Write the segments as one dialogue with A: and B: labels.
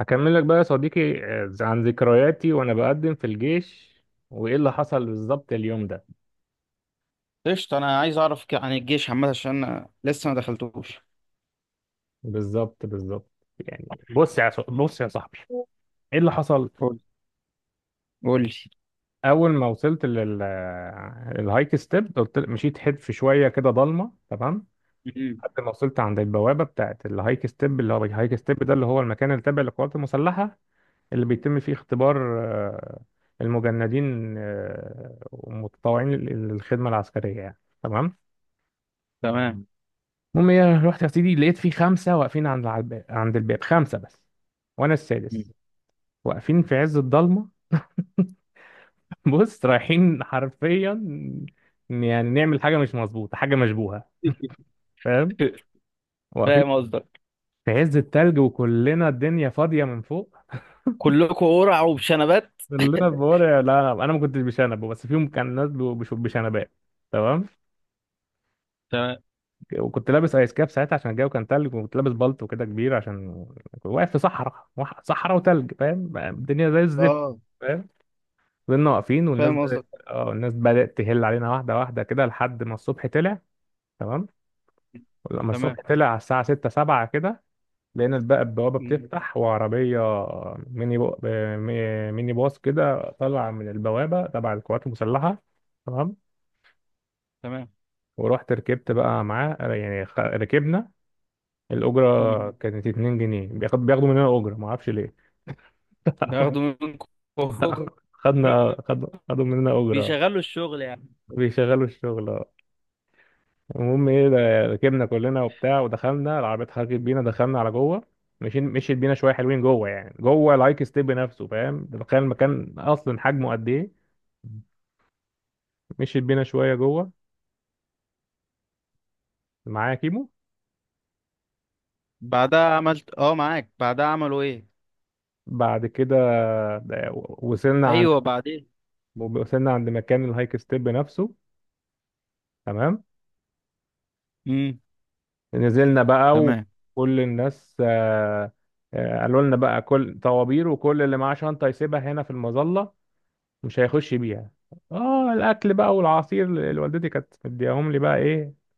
A: هكمل لك بقى يا صديقي عن ذكرياتي وانا بقدم في الجيش، وايه اللي حصل بالظبط اليوم ده.
B: قشطة. أنا عايز أعرف عن الجيش عامة عشان أنا لسه ما دخلتوش.
A: بالظبط. يعني بص يا صاحبي، ايه اللي حصل.
B: قول قول لي.
A: اول ما وصلت الهايك ستيب، قلت مشيت حتف شويه كده، ضلمه، تمام.
B: مم.
A: لحد ما وصلت عند البوابه بتاعت الهايك ستيب، اللي هو الهايك ستيب ده اللي هو المكان اللي تابع للقوات المسلحه، اللي بيتم فيه اختبار المجندين والمتطوعين للخدمه العسكريه يعني، تمام.
B: تمام.
A: المهم ايه، رحت يا سيدي لقيت في خمسه واقفين عند الباب خمسه بس وانا
B: مم.
A: السادس، واقفين في عز الضلمه. بص رايحين حرفيا يعني نعمل حاجه مش مظبوطه، حاجه مشبوهه، فاهم.
B: فاهم
A: واقفين
B: قصدك.
A: في عز التلج وكلنا الدنيا فاضيه من فوق،
B: كلكم قرع وبشنبات.
A: كلنا بورع، لا انا ما كنتش بشنب بس فيهم كان ناس بيبقوا بشنبات، تمام.
B: تمام.
A: وكنت لابس ايس كاب ساعتها عشان الجو كان تلج، وكنت لابس بلطو كده كبير عشان كنت واقف في صحراء وتلج، فاهم الدنيا زي الزفت.
B: اه،
A: فضلنا واقفين والناس
B: فاهم
A: بدأت
B: قصدك.
A: اه الناس بدأت تهل علينا واحدة واحدة كده لحد ما الصبح طلع. تمام. لما
B: تمام.
A: الصبح طلع على الساعة 6 7 كده، لقينا بقى البوابة
B: مم.
A: بتفتح وعربية ميني بو... آه، مي- ميني باص كده طلع من البوابة تبع القوات المسلحة، تمام.
B: تمام.
A: ورحت ركبت بقى معاه يعني ركبنا.
B: مم.
A: الأجرة كانت 2 جنيه، بياخدوا مننا أجرة معرفش ليه.
B: ناخده منكم.
A: خدنا خدوا مننا أجرة.
B: بيشغلوا الشغل يعني.
A: بيشغلوا الشغل. المهم ايه، ركبنا كلنا وبتاع، ودخلنا، العربية اتحركت بينا دخلنا على جوه. مشيت بينا شوية حلوين جوه، يعني جوه الهايك ستيب نفسه، فاهم ده، تخيل المكان أصلا حجمه قد ايه. مشيت بينا شوية جوه، معايا كيمو.
B: بعدها عملت اه معاك بعدها عملوا ايه؟
A: بعد كده، ده- وصلنا عند
B: ايوه، بعدين.
A: وصلنا عند مكان الهايك ستيب نفسه، تمام.
B: امم
A: نزلنا بقى
B: تمام.
A: وكل الناس قالوا لنا بقى كل طوابير، وكل اللي معاه شنطة يسيبها هنا في المظلة، مش هيخش بيها. اه الاكل بقى والعصير اللي والدتي كانت مدياهم لي بقى ايه،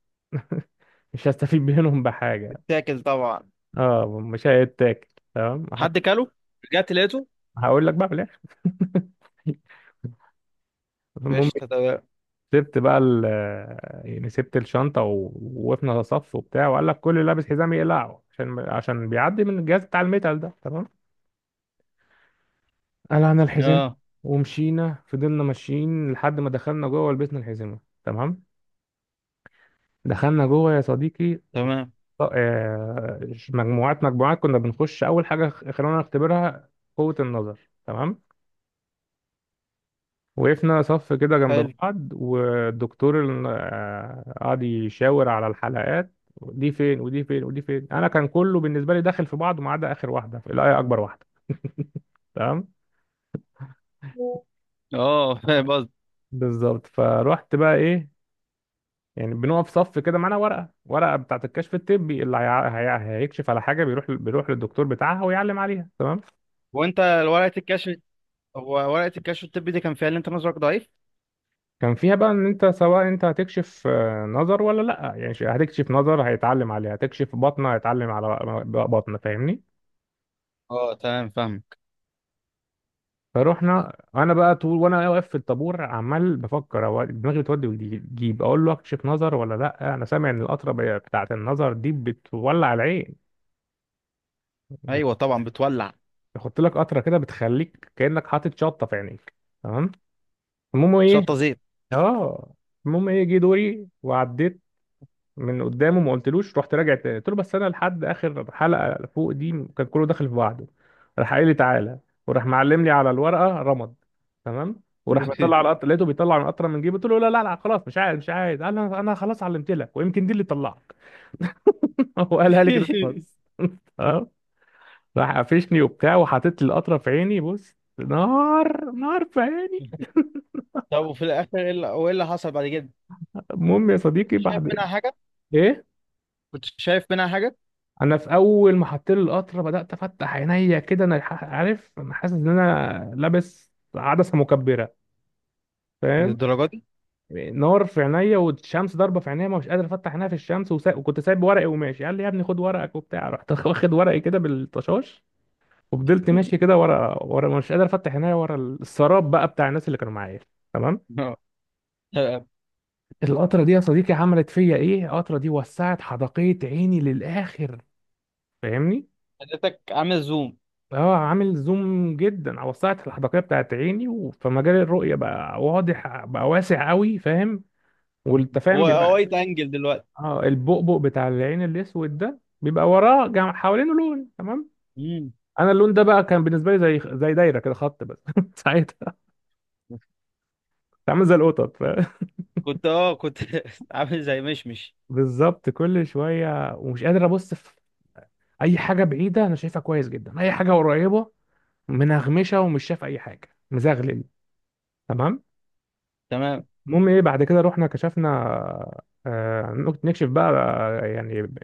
A: مش هستفيد منهم بحاجه.
B: اتاكل طبعا.
A: اه مش هيتاكل. تمام هت-
B: حد كله؟ رجعت لقيته؟
A: هقول لك بقى في الاخر. المهم،
B: قشطة، تمام.
A: سبت بقى ال يعني سبت الشنطه ووقفنا صف وبتاع، وقال لك كل اللي لابس حزام يقلعه عشان بيعدي من الجهاز بتاع الميتال ده، تمام. قلعنا الحزام،
B: اه،
A: ومشينا، فضلنا ماشيين لحد ما دخلنا جوه ولبسنا الحزمه، تمام. دخلنا جوه يا صديقي،
B: تمام.
A: ط- آه، مجموعات مجموعات كنا بنخش، اول حاجه خلونا نختبرها قوه النظر، تمام. وقفنا صف كده جنب
B: حلو.
A: بعض، والدكتور قعد يشاور على الحلقات دي فين ودي فين ودي فين. انا كان كله بالنسبه لي داخل في بعضه، ما عدا اخر واحده اللي هي اكبر واحده، تمام.
B: اه، فاهم قصدي.
A: بالظبط، فروحت بقى ايه، يعني بنقف صف كده معانا ورقه، ورقه بتاعت الكشف الطبي اللي هيكشف على حاجه بيروح للدكتور بتاعها ويعلم عليها، تمام.
B: وانت ورقه الكشف؟ هو ورقه الكشف الطبي دي كان فيها اللي انت نظرك ضعيف؟
A: كان فيها بقى ان انت، سواء انت هتكشف نظر ولا لا، يعني هتكشف نظر هيتعلم عليها، هتكشف بطنه هيتعلم على بطنه، فاهمني.
B: اه، تمام، فاهمك.
A: فروحنا، انا بقى طول وانا واقف في الطابور عمال بفكر، هو دماغي بتودي وتجيب، اقول له اكشف نظر ولا لا، انا سامع ان القطره بتاعه النظر دي بتولع العين،
B: ايوه طبعا بتولع.
A: يحط لك قطره كده بتخليك كانك حاطط شطه في عينيك، تمام. المهم ايه
B: شطه زيت.
A: اه المهم ايه، جه دوري وعديت من قدامه ما قلتلوش، رحت راجع تاني قلت له بس انا لحد اخر حلقه فوق دي، كان كله داخل في بعضه. راح قايل لي تعالى، وراح معلم لي على الورقه رمض، تمام. وراح مطلع على القطر، لقيته بيطلع من قطره من جيبه، قلت له لا خلاص مش عايز مش عايز. قال انا خلاص علمت لك، ويمكن دي اللي طلعك. هو قالها لي كده خلاص. اه. راح قفشني وبتاع وحاطط لي القطره في عيني، بص نار، نار في عيني.
B: طب، وفي الاخر ايه اللي وإيه اللي حصل بعد كده؟
A: المهم يا
B: كنت
A: صديقي
B: شايف
A: بعد
B: منها حاجه؟
A: ايه،
B: كنت شايف منها حاجه؟
A: انا في اول ما حطيت لي القطره بدات افتح عينيا كده، انا عارف، انا حاسس ان انا لابس عدسه مكبره، فاهم.
B: للدرجه دي؟
A: نار في عينيا، والشمس ضاربه في عينيا، ما مش قادر افتح عينيا في الشمس، وكنت سايب ورقي وماشي، قال لي يا ابني خد ورقك وبتاع، رحت واخد ورقي كده بالطشاش، وفضلت ماشي كده ورا ورا مش قادر افتح عينيا، ورا السراب بقى بتاع الناس اللي كانوا معايا، تمام.
B: اه. آه،
A: القطره دي يا صديقي عملت فيا ايه، القطره دي وسعت حدقيه عيني للاخر، فاهمني.
B: حضرتك عامل زوم؟
A: اه عامل زوم جدا، على وسعت الحدقية بتاعت عيني، فمجال الرؤية بقى واضح، بقى واسع قوي، فاهم. والتفاهم فاهم بيبقى.
B: وايد انجل دلوقتي.
A: اه البؤبؤ بتاع العين الاسود ده بيبقى حوالينه لون، تمام.
B: مم.
A: انا اللون ده بقى كان بالنسبة لي زي دايرة كده، خط بس. ساعتها كنت عامل زي القطط، فاهم؟
B: كنت عامل زي مشمش.
A: بالظبط. كل شوية ومش قادر ابص في اي حاجة بعيدة، انا شايفها كويس جدا، اي حاجة قريبة منغمشة ومش شايف اي حاجة، مزغلل، تمام.
B: تمام،
A: المهم ايه، بعد كده رحنا كشفنا نكشف بقى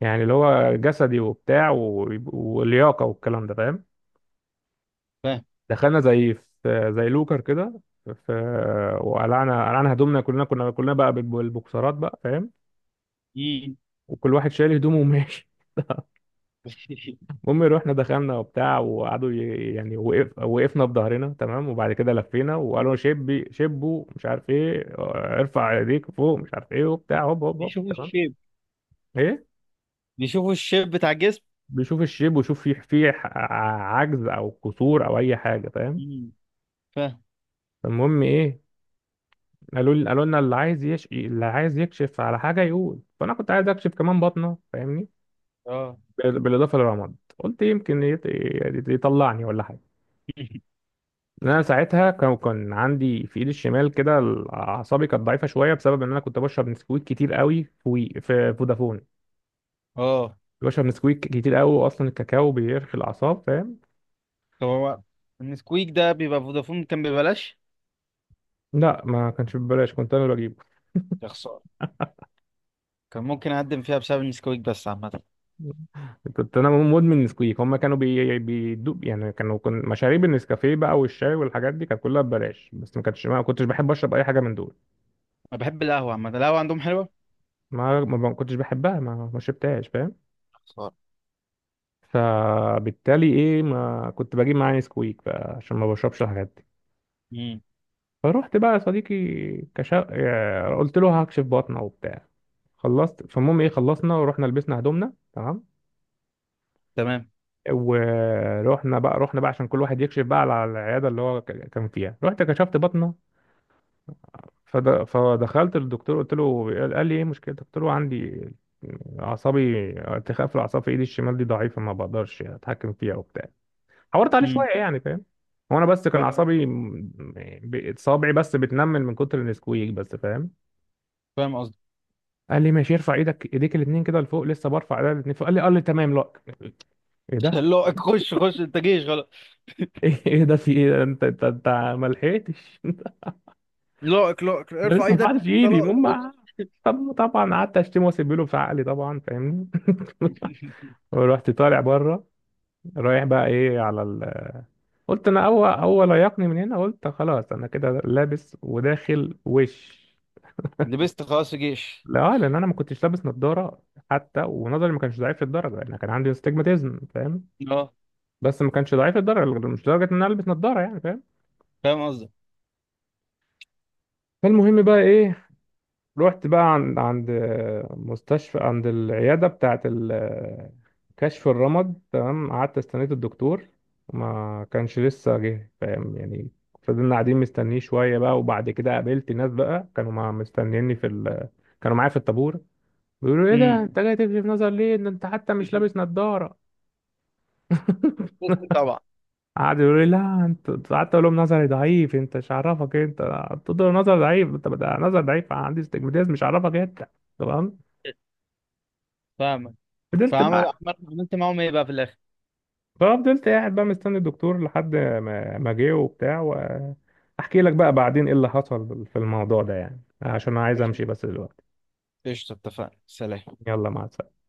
A: يعني اللي هو جسدي وبتاع واللياقه والكلام ده، فاهم.
B: فاهم.
A: دخلنا زي لوكر كده في، وقلعنا هدومنا، كلنا كنا كلنا بقى بالبوكسرات بقى، فاهم.
B: مم.
A: وكل واحد شايل هدومه وماشي. المهم رحنا دخلنا وبتاع، وقعدوا وقفنا بظهرنا، تمام، وبعد كده لفينا، وقالوا شبوا مش عارف ايه، ارفع ايديك فوق مش عارف ايه وبتاع، هوب هوب هوب،
B: بيشوفوا
A: تمام.
B: الشيب
A: ايه،
B: بيشوفوا الشيب بتاع الجسم؟
A: بيشوف الشيب، ويشوف فيه فيه عجز او قصور او اي حاجه، فاهم.
B: مم.
A: فالمهم ايه، قالوا لي، قالوا لنا اللي عايز يش... اللي عايز يكشف على حاجه يقول، فانا كنت عايز اكشف كمان بطنه، فاهمني.
B: اه.
A: بالاضافه للرمد، قلت يمكن يطلعني ولا حاجه. انا ساعتها كان عندي في ايدي الشمال كده اعصابي كانت ضعيفه شويه، بسبب ان انا كنت بشرب نسكويك كتير قوي في فودافون.
B: اه،
A: بشرب نسكويك كتير قوي، اصلا الكاكاو بيرخي الاعصاب، فاهم.
B: طب هو النسكويك ده بيبقى فودافون كان ببلاش؟
A: لا ما كانش ببلاش، كنت انا اللي بجيبه.
B: يا خسارة، كان ممكن اقدم فيها بسبب النسكويك، بس عامة
A: كنت انا مدمن نسكويك. هم كانوا بيدوق، يعني كانوا مشاريب النسكافيه بقى والشاي والحاجات دي كانت كلها ببلاش، بس ما كنتش بحب اشرب اي حاجه من دول.
B: انا بحب القهوة. عامة القهوة عندهم حلوة.
A: ما كنتش بحبها ما شربتهاش، فاهم.
B: خسارة.
A: فبالتالي ايه، ما كنت بجيب معايا نسكويك بقى عشان ما بشربش الحاجات دي.
B: امم.
A: فروحت بقى يا صديقي، كشا... آه، قلت له هكشف بطنه وبتاع، خلصت. فالمهم ايه، خلصنا ورحنا لبسنا هدومنا، تمام.
B: تمام.
A: ورحنا بقى عشان كل واحد يكشف بقى على العياده اللي هو كان فيها، رحت كشفت بطنه. فدخلت للدكتور قلت له، قال لي ايه مشكلتك، قلت له عندي اعصابي، ارتخاء في الاعصاب في ايدي الشمال دي، ضعيفه ما بقدرش اتحكم فيها وبتاع، حورت عليه
B: امم.
A: شويه يعني، فاهم. هو انا بس كان
B: فا-
A: اعصابي صابعي بس بتنمل من كتر النسكويك بس، فاهم.
B: فاهم قصدي.
A: قال لي ماشي، ارفع ايديك الاثنين كده لفوق، لسه برفع ايدي الاثنين فوق، قال لي تمام، لا ايه ده.
B: لائق، خش خش، انت جيش غلط.
A: إيه ده، في ايه ده؟ انت ما لحقتش.
B: لائق لائق،
A: انا
B: ارفع
A: لسه ما
B: ايدك،
A: رفعتش
B: انت
A: ايدي
B: لائق، خش.
A: ماما. طب طبعا قعدت اشتمه واسيب له في عقلي طبعا، فاهمني. ورحت طالع بره، رايح بقى ايه على قلت انا اول يقني من هنا، قلت خلاص انا كده لابس وداخل وش.
B: لبست خلاص في جيش.
A: لا، لان انا ما كنتش لابس نظاره، حتى ونظري ما كانش ضعيف للدرجه، انا كان عندي استجماتيزم، فاهم.
B: اه،
A: بس ما كانش ضعيف للدرجه، مش لدرجه ان انا البس نظاره يعني، فاهم.
B: فاهم قصدي.
A: فالمهم بقى ايه، رحت بقى عند مستشفى، عند العيادة بتاعة كشف الرمد، تمام. قعدت استنيت الدكتور، ما كانش لسه جه، فاهم يعني. فضلنا قاعدين مستنيه شوية بقى، وبعد كده قابلت ناس بقى كانوا مع مستنيني في كانوا معايا في الطابور، بيقولوا ايه ده
B: امم.
A: انت جاي تكشف نظر ليه، ده انت حتى مش لابس نظارة.
B: لبست طبعا.
A: قعدوا يقولوا لي لا انت، قعدت اقول لهم نظري ضعيف، انت مش عارفك انت. قلت له نظر ضعيف انت، ده نظر ضعيف عندي استجماتيزم، مش عارفك انت، تمام.
B: فاهمك.
A: فضلت
B: فعمل
A: بقى،
B: عملت معاهم ايه بقى في الاخر؟
A: ففضلت قاعد بقى مستني الدكتور لحد ما ما جه وبتاع، واحكي لك بقى بعدين ايه اللي حصل في الموضوع ده، يعني عشان انا عايز
B: قشطة.
A: امشي بس دلوقتي.
B: قشطة، اتفقنا، سلام.
A: يلا مع السلامة.